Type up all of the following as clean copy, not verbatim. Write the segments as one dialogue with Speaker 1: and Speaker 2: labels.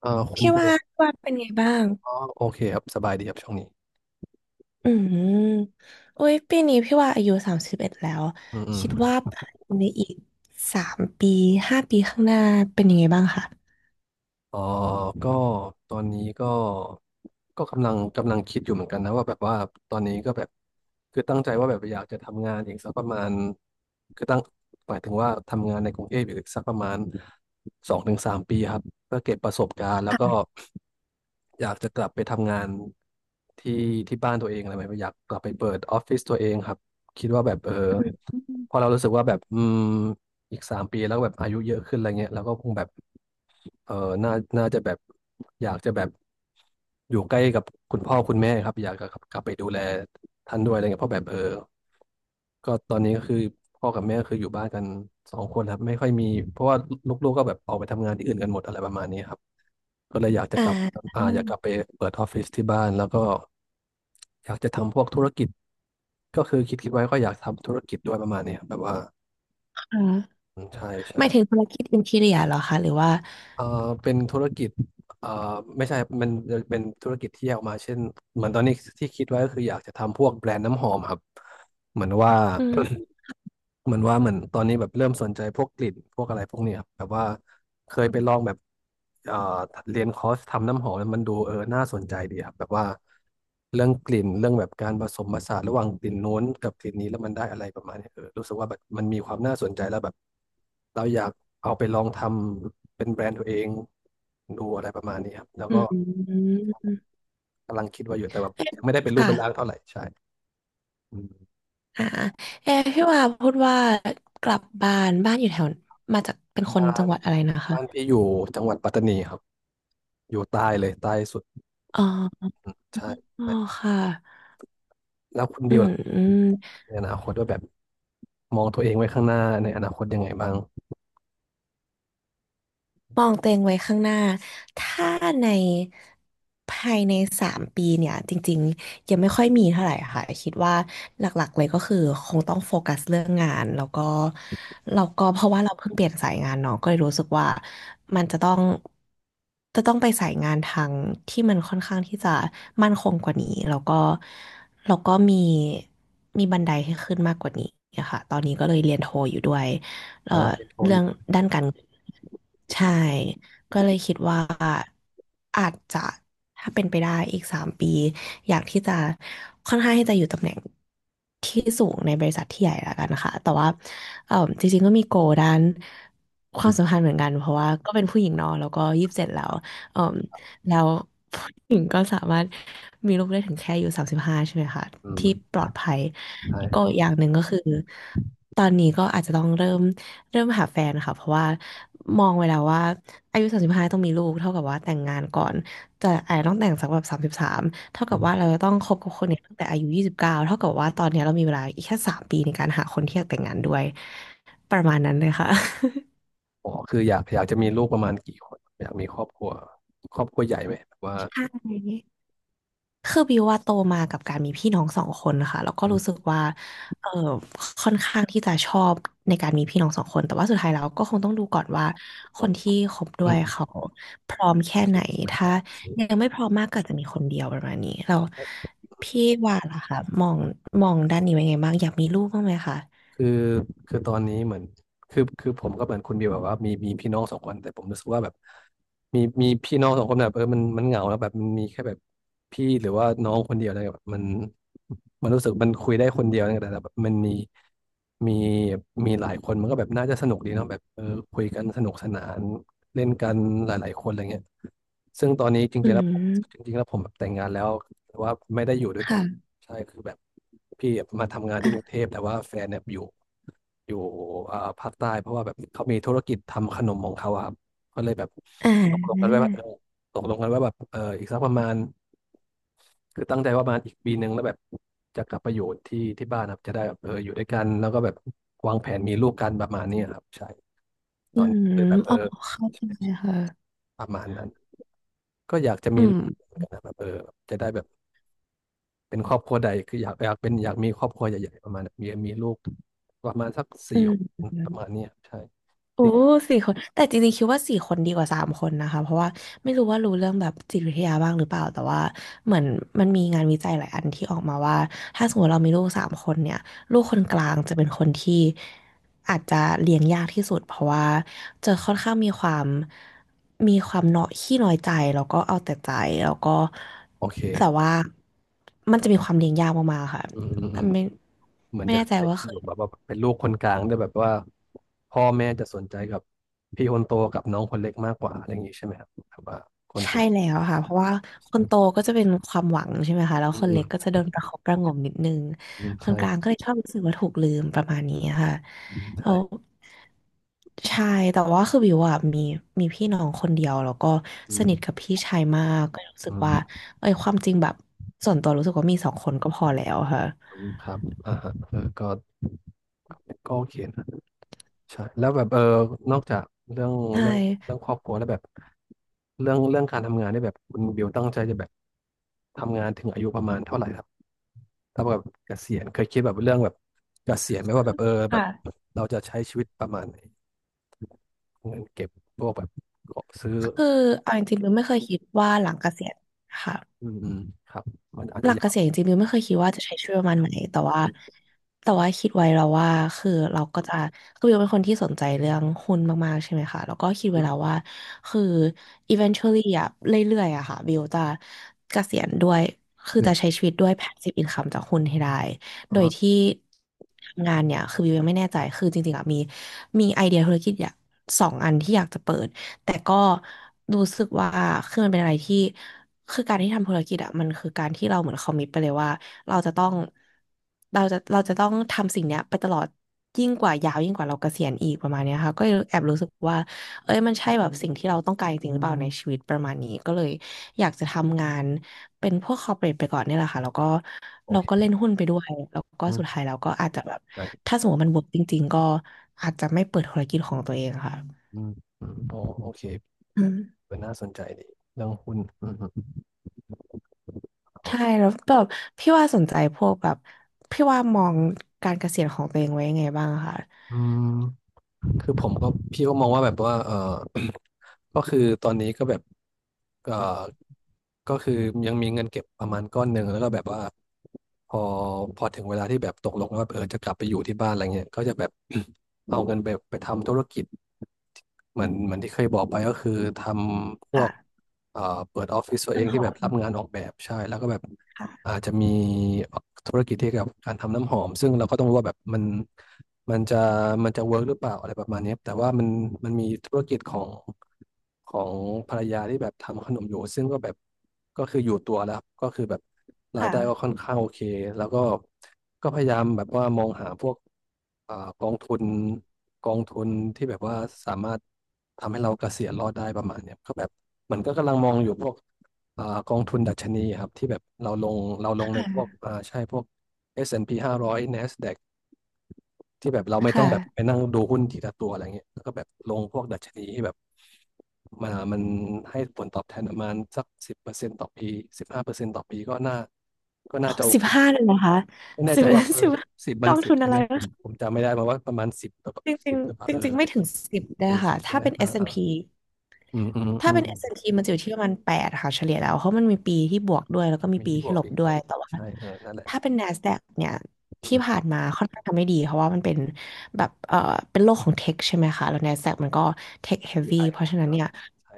Speaker 1: คุณ
Speaker 2: พี่
Speaker 1: บิว
Speaker 2: ว่าพี่ว่าเป็นไงบ้าง
Speaker 1: อ๋อโอเคครับสบายดีครับช่วงนี้
Speaker 2: อืมโอ้ยปีนี้พี่ว่าอายุ31แล้ว
Speaker 1: อืม
Speaker 2: คิด
Speaker 1: อืม
Speaker 2: ว่าในอีกสามปี5 ปีข้างหน้าเป็นยังไงบ้างคะ
Speaker 1: อ๋อก็ตอนนี้ก็กำลังคิดอยู่เหมือนกันนะว่าแบบว่าตอนนี้ก็แบบคือตั้งใจว่าแบบอยากจะทำงานอีกสักประมาณคือตั้งหมายถึงว่าทำงานในกรุงเทพอีกสักประมาณ2 ถึง 3 ปีครับเพื่อเก็บประสบการณ์แล้วก็อยากจะกลับไปทำงานที่ที่บ้านตัวเองอะไรแบบนี้อยากกลับไปเปิดออฟฟิศตัวเองครับคิดว่าแบบเออ
Speaker 2: อืม
Speaker 1: พอเรารู้สึกว่าแบบอีก 3 ปีแล้วแบบอายุเยอะขึ้นอะไรเงี้ยแล้วก็คงแบบเออน่าน่าจะแบบอยากจะแบบอยู่ใกล้กับคุณพ่อคุณแม่ครับอยากจะกลับไปดูแลท่านด้วยอะไรเงี้ยเพราะแบบเออก็ตอนนี้ก็คือพ่อกับแม่คืออยู่บ้านกันสองคนครับไม่ค่อยมีเพราะว่าลูกๆก็แบบออกไปทำงานที่อื่นกันหมดอะไรประมาณนี้ครับก็เลยอยากจะ
Speaker 2: อ่
Speaker 1: กลับ
Speaker 2: า
Speaker 1: อ่าอยากกลับไปเปิดออฟฟิศที่บ้านแล้วก็อยากจะทำพวกธุรกิจก็คือคิดไว้ก็อยากทำธุรกิจด้วยประมาณนี้ครับแบบว่า
Speaker 2: ค่ะ
Speaker 1: อืมใช่ใช่
Speaker 2: หมายถึงธุรกิจอินทีเรียเหรอคะหรือว่า
Speaker 1: เอ่อเป็นธุรกิจเอ่อไม่ใช่มันเป็นธุรกิจที่แยกออกมาเช่น เหมือนตอนนี้ที่คิดไว้ก็คืออยากจะทำพวกแบรนด์น้ำหอมครับเหมือนว่า
Speaker 2: อื ม
Speaker 1: เหมือนว่าเหมือนตอนนี้แบบเริ่มสนใจพวกกลิ่นพวกอะไรพวกเนี้ยครับแบบว่าเคยไปลองแบบเอ่อเรียนคอร์สทำน้ำหอมแล้วมันดูเออน่าสนใจดีครับแบบว่าเรื่องกลิ่นเรื่องแบบการผสมผสานระหว่างกลิ่นโน้นกับกลิ่นนี้แล้วมันได้อะไรประมาณเนี้ยเออรู้สึกว่าแบบมันมีความน่าสนใจแล้วแบบเราอยากเอาไปลองทำเป็นแบรนด์ตัวเองดูอะไรประมาณนี้ครับแล้ว
Speaker 2: อื
Speaker 1: ก็
Speaker 2: ม
Speaker 1: กำลังคิดไว่าอยู่แต่แบบ
Speaker 2: เอ๊ะ
Speaker 1: ยังไม่ได้เป็นรูป
Speaker 2: ค่ะ
Speaker 1: เป็นร่างเท่าไหร่ใช่อืม
Speaker 2: อ่าเอ๊ะพี่ว่าพูดว่ากลับบ้านอยู่แถวมาจากเป็นคน
Speaker 1: บ้า
Speaker 2: จั
Speaker 1: น
Speaker 2: งหวัดอะไรนะคะ
Speaker 1: บ้านพี่อยู่จังหวัดปัตตานีครับอยู่ใต้เลยใต้สุด
Speaker 2: อ๋อ
Speaker 1: อืมใช่
Speaker 2: อ๋อ
Speaker 1: ใช่
Speaker 2: ค่ะ
Speaker 1: แล้วคุณ
Speaker 2: อื
Speaker 1: บิวล่ะ
Speaker 2: ม
Speaker 1: ในอนาคตว่าแบบมองตัวเองไว้ข้างหน้าในอนาคตยังไงบ้าง
Speaker 2: มองตัวเองไว้ข้างหน้า ถ้าในภายในสามปีเนี่ยจริงๆยังไม่ค่อยมีเท่าไหร่ค่ะ คิดว่าหลักๆเลยก็คือคงต้องโฟกัสเรื่องงานแล้วก็เพราะว่าเราเพิ่งเปลี่ยนสายงานเนาะก็เลยรู้สึกว่ามันจะต้องไปสายงานทางที่มันค่อนข้างที่จะมั่นคงกว่านี้ แล้วก็มีบันไดให้ขึ้นมากกว่านี้ค่ะตอนนี้ก็เลยเรียนโทอยู่ด้วย เอ่
Speaker 1: อ๋
Speaker 2: อ
Speaker 1: อเป็นโทอ
Speaker 2: เรื่อ
Speaker 1: ยู่
Speaker 2: งด้านการเงินใช่ก็เลยคิดว่าอาจจะถ้าเป็นไปได้อีกสามปีอยากที่จะค่อนข้างที่จะอยู่ตำแหน่งที่สูงในบริษัทที่ใหญ่ละกันนะคะแต่ว่าเอ่อจริงๆก็มีโกด้านค
Speaker 1: อื
Speaker 2: วามสัม
Speaker 1: ม
Speaker 2: พันธ์เหมือนกันเพราะว่าก็เป็นผู้หญิงเนอะแล้วก็27แล้วเอ่อแล้วผู้หญิงก็สามารถมีลูกได้ถึงแค่อายู่สามสิบห้าใช่ไหมคะ
Speaker 1: อื
Speaker 2: ที่ป
Speaker 1: ม
Speaker 2: ลอดภัย
Speaker 1: ใช่
Speaker 2: ก็อกอย่างหนึ่งก็คือ ตอนนี้ก็อาจจะต้องเริ่มหาแฟนค่ะเพราะว่ามองไว้แล้วว่าอายุสามสิบห้าต้องมีลูกเท่ากับว่าแต่งงานก่อนจะอาจจะต้องแต่งสักแบบ33เท่า
Speaker 1: อื
Speaker 2: กับว่า
Speaker 1: ม
Speaker 2: เราจะต้องคบกับคนเนี้ตั้งแต่อายุ29เท่ากับว่าตอนนี้เรามีเวลาอีกแค่สามปีในการหาคนที่อยากแต่งงานด้วยประมาณนั้นเลยค่ะ
Speaker 1: อ๋อคืออยากจะมีลูกประมาณกี่คนอยากมีครอบครัวใหญ่ไหมแบบว่า
Speaker 2: ใช่ คือบิวว่าโตมากับการมีพี่น้องสองคนนะคะแล้วก็
Speaker 1: อื
Speaker 2: รู้สึ
Speaker 1: ม
Speaker 2: กว่าเออค่อนข้างที่จะชอบในการมีพี่น้องสองคนแต่ว่าสุดท้ายแล้วก็คงต้องดูก่อนว่าค
Speaker 1: อืม
Speaker 2: นที่คบด้
Speaker 1: อื
Speaker 2: วย
Speaker 1: ม
Speaker 2: เขาพร้อม
Speaker 1: โอ
Speaker 2: แค่
Speaker 1: เค
Speaker 2: ไหน
Speaker 1: ใช่ไหมค
Speaker 2: ถ้า
Speaker 1: รับโอเ
Speaker 2: ยัง
Speaker 1: ค
Speaker 2: ไม่พร้อมมากก็อาจจะมีคนเดียวประมาณนี้เราพี่ว่าล่ะค่ะมองด้านนี้เป็นไงบ้างอยากมีลูกบ้างไหมคะ
Speaker 1: คือคือตอนนี้เหมือนคือคือผมก็เหมือนคุณบิวแบบว่ามีพี่น้องสองคนแต่ผมรู้สึกว่าแบบมีพี่น้องสองคนแบบเออมันเหงาแล้วแบบมันมีแค่แบบพี่หรือว่าน้องคนเดียวอะไรเียแบบมันรู้สึกมันคุยได้คนเดียวนะแต่แบบมันมีมีหลายคนมันก็แบบน่าจะสนุกดีเนาะแบบเออคุยกันสนุกสนานเล่นกันหลายๆคนอะไรเงี้ยซึ่งตอนนี้
Speaker 2: อื
Speaker 1: จ
Speaker 2: ม
Speaker 1: ริงๆแล้วผมแบบแต่งงานแล้วแต่ว่าไม่ได้อยู่ด้วยกัน
Speaker 2: ค่ะ
Speaker 1: ใช่คือแบบพี่มาทำงานที่กรุง
Speaker 2: อ่า
Speaker 1: เทพแต่ว่าแฟนเนี่ยอยู่ อยู่ภาคใต้เพราะว่าแบบเขามีธุรกิจทำขนมของเขาอะครับก็เลยแบบ
Speaker 2: อ่
Speaker 1: ตกลงกัน
Speaker 2: า
Speaker 1: ไว้ว่าเออตกลงกันไว้แบบเอออีกสักประมาณคือตั้งใจว่าประมาณอีก1 ปีแล้วแบบจะกลับไปอยู่ที่ที่บ้านครับจะได้แบบเอออยู่ด้วยกันแล้วก็แบบวางแผนมีลูกกันประมาณนี้ครับใช่ต
Speaker 2: อื
Speaker 1: อนนี้
Speaker 2: ม
Speaker 1: คือแบบเอ
Speaker 2: อ๋อ
Speaker 1: อ
Speaker 2: เข้าใจค่ะ
Speaker 1: ประมาณนั้นก็อยากจะ
Speaker 2: อื
Speaker 1: มีลู
Speaker 2: ม
Speaker 1: กเหมือนกันนะแบบเออจะได้แบบเป็นครอบครัวใดคืออยากเป็นอยากมีครอบครัวใหญ่ๆประมาณนั้นมีลูกประมาณสักสี่
Speaker 2: อื
Speaker 1: คนประ
Speaker 2: ม
Speaker 1: มาณเนี้ยใช่
Speaker 2: โอ้สี่คนแต่จริงๆคิดว่าสี่คนดีกว่าสามคนนะคะเพราะว่าไม่รู้ว่ารู้เรื่องแบบจิตวิทยาบ้างหรือเปล่าแต่ว่าเหมือนมันมีงานวิจัยหลายอันที่ออกมาว่าถ้าสมมติเรามีลูกสามคนเนี่ยลูกคนกลางจะเป็นคนที่อาจจะเลี้ยงยากที่สุดเพราะว่าจะค่อนข้างมีความเนาะขี้น้อยใจแล้วก็เอาแต่ใจแล้วก็
Speaker 1: โอเค
Speaker 2: แต่ว่ามันจะมีความเลี้ยงยากมากๆค่ะ
Speaker 1: อืม
Speaker 2: แต่ไม่
Speaker 1: เหมือน
Speaker 2: ไม่
Speaker 1: จะ
Speaker 2: แน่ใจ
Speaker 1: ได้
Speaker 2: ว่า
Speaker 1: ยิน
Speaker 2: เค
Speaker 1: อยู่
Speaker 2: ย
Speaker 1: แบบว่าเป็นลูกคนกลางด้วยแบบว่าพ่อแม่จะสนใจกับพี่คนโตกับน้องคนเล็กมากกว่าอะไรอย่างนี้ใช่ไหมครับแบบว่าคนก
Speaker 2: ใช่
Speaker 1: ลุ่ม
Speaker 2: แล้วค่ะเพราะว่าคนโตก็จะเป็นความหวังใช่ไหมคะแล้ว
Speaker 1: อืม
Speaker 2: คน
Speaker 1: อืม
Speaker 2: เล็กก็จะโดนประคบประหงมนิดนึง
Speaker 1: อืม
Speaker 2: คน
Speaker 1: ใช่
Speaker 2: กลางก็เลยชอบรู้สึกว่าถูกลืมประมาณนี้ค่ะแล้
Speaker 1: ใช่
Speaker 2: วใช่แต่ว่าคือบิวอะมีพี่น้องคนเดียวแล้วก็
Speaker 1: อื
Speaker 2: สนิท
Speaker 1: ม
Speaker 2: กับพี่ชายมากก็รู้สึ
Speaker 1: อื
Speaker 2: กว่า
Speaker 1: ม
Speaker 2: เอ้ยความจริงแบบส่วนตัวรู้สึกว่ามีสองคนก็พอแล้วค่ะ
Speaker 1: อืมครับอ่าฮะเออก็ก็โอเคนะใช่แล้วแบบเออนอกจากเรื่อง
Speaker 2: ใช่
Speaker 1: เรื่องเรื่องครอบครัวแล้วแบบเรื่องการทำงานเนี่ยแบบคุณบิวตั้งใจจะแบบทำงานถึงอายุประมาณเท่าไหร่ เทำกับเกษียณเคยคิดแบบเรื่องแบบเกษียณไหมว่าแบบเออแบบ
Speaker 2: ค่ะ
Speaker 1: เราจะใช้ชีวิตประมาณไหนเงินเก็บพวกแบบของซื้อ
Speaker 2: คือเอาจริงๆบิวไม่เคยคิดว่าหลังเกษียณค่ะ
Speaker 1: อืมอืมครับมันอาจ
Speaker 2: ห
Speaker 1: จะ
Speaker 2: ลักเก
Speaker 1: ยาว
Speaker 2: ษียณจริงๆมิวไม่เคยคิดว่าจะใช้ชีวิตประมาณไหนแต่ว่า
Speaker 1: อืม
Speaker 2: แต่ว่าคิดไว้แล้วว่าคือเราก็จะคือมิวเป็นคนที่สนใจเรื่องหุ้นมากๆใช่ไหมคะแล้วก็คิด
Speaker 1: อื
Speaker 2: ไว้แล้ว
Speaker 1: ม
Speaker 2: ว่าคือ eventually อะเรื่อยๆอะค่ะวิวจะเกษียณด้วยคือ
Speaker 1: อื
Speaker 2: จะใช้
Speaker 1: ม
Speaker 2: ชีวิตด้วย passive income จากหุ้นให้ได้ โดย
Speaker 1: อ่า
Speaker 2: ที่ทำงานเนี่ยคือวิวยังไม่แน่ใจคือจริงๆอะมีไอเดียธุรกิจอยากสองอันที่อยากจะเปิด แต่ก็รู้สึกว่าคือมันเป็นอะไรที่คือการที่ทำธุรกิจอะมันคือการที่เราเหมือนคอมมิตไปเลยว่าเราจะต้องเราจะเราจะต้องทำสิ่งเนี้ยไปตลอดยิ่งกว่าเราเกษียณอีกประมาณเนี้ยค่ะก็เลยแอบรู้สึกว่าเอ้ยมันใช่แบบสิ่งที่เราต้องการจริงหรือเปล่าในชีวิตประมาณนี้ก็เลยอยากจะทำงานเป็นพวกคอร์เปรทไปก่อนเนี่ยแหละค่ะแล้วก็
Speaker 1: โอ
Speaker 2: เราก็
Speaker 1: เค
Speaker 2: เล่นหุ้นไปด้วยแล้วก็
Speaker 1: อื
Speaker 2: สุดท้า
Speaker 1: ม
Speaker 2: ยเราก็อาจจะแบบ
Speaker 1: ใช่
Speaker 2: ถ้าสมมติว่ามันเวิร์กจริงๆก็อาจจะไม่เปิดธุรกิจของตัวเองค่ะ
Speaker 1: อืมอืมโอเค
Speaker 2: อืม
Speaker 1: เป็นน่าสนใจดีเรื่องหุ้นอืมอืม
Speaker 2: ใช่แล้วแบบพี่ว่าสนใจพวกแบบพี่ว่ามองการเกษียณของตัวเองไว้ยังไงบ้างคะ
Speaker 1: อืม คือผมก็พี่ก็มองว่าแบบว่า ก็คือตอนนี้ก็แบบเออก็คือยังมีเงินเก็บประมาณก้อนหนึ่งแล้วก็แบบว่าพอพอถึงเวลาที่แบบตกลงว่าจะกลับไปอยู่ที่บ้านอะไรเงี้ยก็จะแบบ เอาเงินไปทำธุรกิจเหมือนที่เคยบอกไปก็คือทำพวก
Speaker 2: ค่ะ
Speaker 1: เอ่อเปิดออฟฟิศตัวเอ
Speaker 2: ต้น
Speaker 1: ง
Speaker 2: ห
Speaker 1: ที่
Speaker 2: อ
Speaker 1: แบบ
Speaker 2: ม
Speaker 1: รับงานออกแบบใช่แล้วก็แบบ
Speaker 2: ค่ะ
Speaker 1: อาจจะมีธุรกิจที่เกี่ยวกับการทำน้ำหอมซึ่งเราก็ต้องรู้ว่าแบบมันจะมันจะเวิร์กหรือเปล่าอะไรประมาณเนี้ยแต่ว่ามันมีธุรกิจของภรรยาที่แบบทำขนมอยู่ซึ่งก็แบบก็คืออยู่ตัวแล้วก็คือแบบรายได้ก็ค่อ
Speaker 2: ค่ะ
Speaker 1: นข้างโอเคแล้วก็พยายามแบบว่ามองหาพวกอ่ากองทุนกองทุนที่แบบว่าสามารถทำให้เราเกษียณรอดได้ประมาณเนี้ยก็แบบมันก็กำลังมองอยู่พวก กองทุนดัชนีครับที่แบบเราลงเราล
Speaker 2: ค
Speaker 1: งในพวก
Speaker 2: ่ะ
Speaker 1: ใช่พวก S&P 500 NASDAQ ที่แบบเราไม่ต้องแบบไป
Speaker 2: ค่ะ
Speaker 1: นั่งดูหุ้นทีละตัวอะไรเงี้ยแล้วก็แบบลงพวกดัชนีที่แบบมามันให้ผลตอบแทนประมาณสักสิบเปอร์เซ็นต์ต่อปีสิบห้าเปอร์เซ็นต์ต่อปีก็น่าจะโอ
Speaker 2: สิ
Speaker 1: เค
Speaker 2: บห้าเลยนะคะ
Speaker 1: ไม่แน่
Speaker 2: สิ
Speaker 1: ใจ
Speaker 2: บ
Speaker 1: ว่า
Speaker 2: สิบ
Speaker 1: สิบ
Speaker 2: ก
Speaker 1: มัน
Speaker 2: อง
Speaker 1: สิบ
Speaker 2: ทุน
Speaker 1: ใช่
Speaker 2: อะ
Speaker 1: ไห
Speaker 2: ไร
Speaker 1: มผมจำไม่ได้มาว่าประมาณสิบหรือ
Speaker 2: จริ
Speaker 1: สิ
Speaker 2: ง
Speaker 1: บหรือเป
Speaker 2: ๆ
Speaker 1: ล่า
Speaker 2: จริงๆไม่ถึงสิบ
Speaker 1: ไม่
Speaker 2: ได้
Speaker 1: ถึงสิ
Speaker 2: ค่ะ
Speaker 1: บใช่
Speaker 2: ถ้า
Speaker 1: ไหม
Speaker 2: เป็นเอ
Speaker 1: อ่า
Speaker 2: สแอน
Speaker 1: อ่า
Speaker 2: ด์พี
Speaker 1: อืมอืมอื
Speaker 2: ถ้า
Speaker 1: ม
Speaker 2: เป็นเอสแอนด์พีมันจะอยู่ที่ประมาณแปดค่ะเฉลี่ยแล้วเพราะมันมีปีที่บวกด้วยแล้วก็มี
Speaker 1: มี
Speaker 2: ปี
Speaker 1: ที่บ
Speaker 2: ที่
Speaker 1: วก
Speaker 2: ลบ
Speaker 1: ปีก
Speaker 2: ด้ว
Speaker 1: ล
Speaker 2: ย
Speaker 1: บ
Speaker 2: แต่ว่า
Speaker 1: ใช่เออนั่นแหละ
Speaker 2: ถ้าเป็น NASDAQ เนี่ย
Speaker 1: อื
Speaker 2: ที่ผ่า
Speaker 1: ม
Speaker 2: นมาค่อนข้างทำไม่ดีเพราะว่ามันเป็นแบบเป็นโลกของเทคใช่ไหมคะแล้ว NASDAQ มันก็เทคเฮฟ
Speaker 1: อี
Speaker 2: วี่
Speaker 1: ไอ
Speaker 2: เพ
Speaker 1: ผ
Speaker 2: ราะ
Speaker 1: ม
Speaker 2: ฉะนั้น
Speaker 1: กำ
Speaker 2: เนี่
Speaker 1: ลั
Speaker 2: ย
Speaker 1: งใช้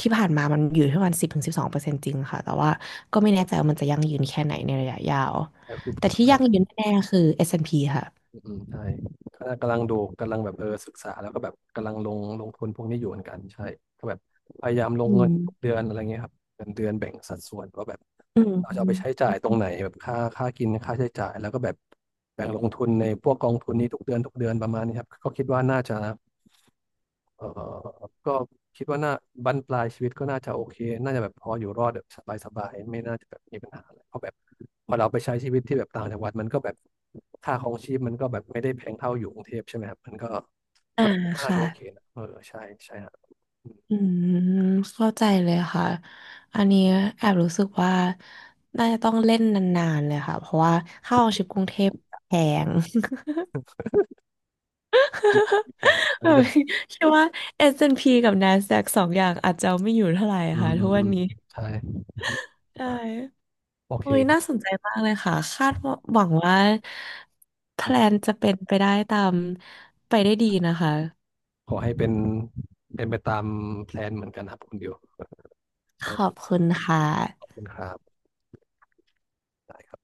Speaker 2: ที่ผ่านมามันอยู่ที่ประมาณ10 ถึง 12%จริงค่ะแต่ว่าก็ไม่แน่ใจว่ามันจะยั่งยืนแค่ไหนในระยะยาว
Speaker 1: แต่คือ
Speaker 2: แต่
Speaker 1: ก็
Speaker 2: ที่
Speaker 1: ไม่
Speaker 2: ยั่
Speaker 1: ได้
Speaker 2: งยืนแน่ๆคือเอสแอนด์พีค่ะ
Speaker 1: อืมอืมใช่ก็กำลังดูกำลังแบบศึกษาแล้วก็แบบกำลังลงทุนพวกนี้อยู่เหมือนกันใช่ก็แบบพยายามลง
Speaker 2: อื
Speaker 1: เงิ
Speaker 2: ม
Speaker 1: นทุกเดือนอะไรเงี้ยครับเดือนแบ่งสัดส่วนว่าแบบ
Speaker 2: อื
Speaker 1: เราจะเอาไปใช้
Speaker 2: ม
Speaker 1: จ่ายตรงไหนแบบค่ากินค่าใช้จ่ายแล้วก็แบบแบ่งลงทุนในพวกกองทุนนี้ทุกเดือนทุกเดือนประมาณนี้ครับก็คิดว่าน่าจะ เออก็คิดว่าน่าบั้นปลายชีวิตก็น่าจะโอเค น่าจะแบบพออยู่รอดแบบสบายๆไม่น่าจะแบบมีปัญหาอะไรเพราะแบบพอเราไปใช้ชีวิตที่แบบต่างจังหวัดมันก็แบบค่าครองชีพมันก็แบบไม่ได้แพงเท่าอยู่กรุงเทพใช่ไหมครับมันก็
Speaker 2: อ่า
Speaker 1: ก็น่าจะโอเค
Speaker 2: ค่ะ
Speaker 1: นะเออใช่ใช่ฮะอืม
Speaker 2: อืมเข้าใจเลยค่ะอันนี้แอบรู้สึกว่าน่าจะต้องเล่นนานๆเลยค่ะเพราะว่า
Speaker 1: โอ
Speaker 2: ค่าครองชีพ
Speaker 1: เค
Speaker 2: กรุงเทพแพง
Speaker 1: แบบมีแผน
Speaker 2: เอ
Speaker 1: มัน
Speaker 2: อ
Speaker 1: จะแบบ
Speaker 2: คิดว่า S&P กับ NASDAQ สองอย่างอาจจะเอาไม่อยู่เท่าไหร่
Speaker 1: อืม
Speaker 2: ค่ะ
Speaker 1: อื
Speaker 2: ทุ
Speaker 1: ม
Speaker 2: ก
Speaker 1: อื
Speaker 2: วัน
Speaker 1: ม
Speaker 2: นี้
Speaker 1: ใช่
Speaker 2: ใช่
Speaker 1: ครับโอเค
Speaker 2: โอ้ย
Speaker 1: ครั
Speaker 2: น่าส
Speaker 1: บ
Speaker 2: นใจมากเลยค่ะคาดว่าหวังว่าแพ
Speaker 1: อื
Speaker 2: ล
Speaker 1: ม
Speaker 2: นจะเป็นไปได้ตามไปได้ดีนะคะ
Speaker 1: ขอให้เป็นไปตามแพลนเหมือนกันครับคุณดิวโอ
Speaker 2: ขอบ
Speaker 1: เค
Speaker 2: คุณค่ะ
Speaker 1: ขอบคุณครับได้ครับ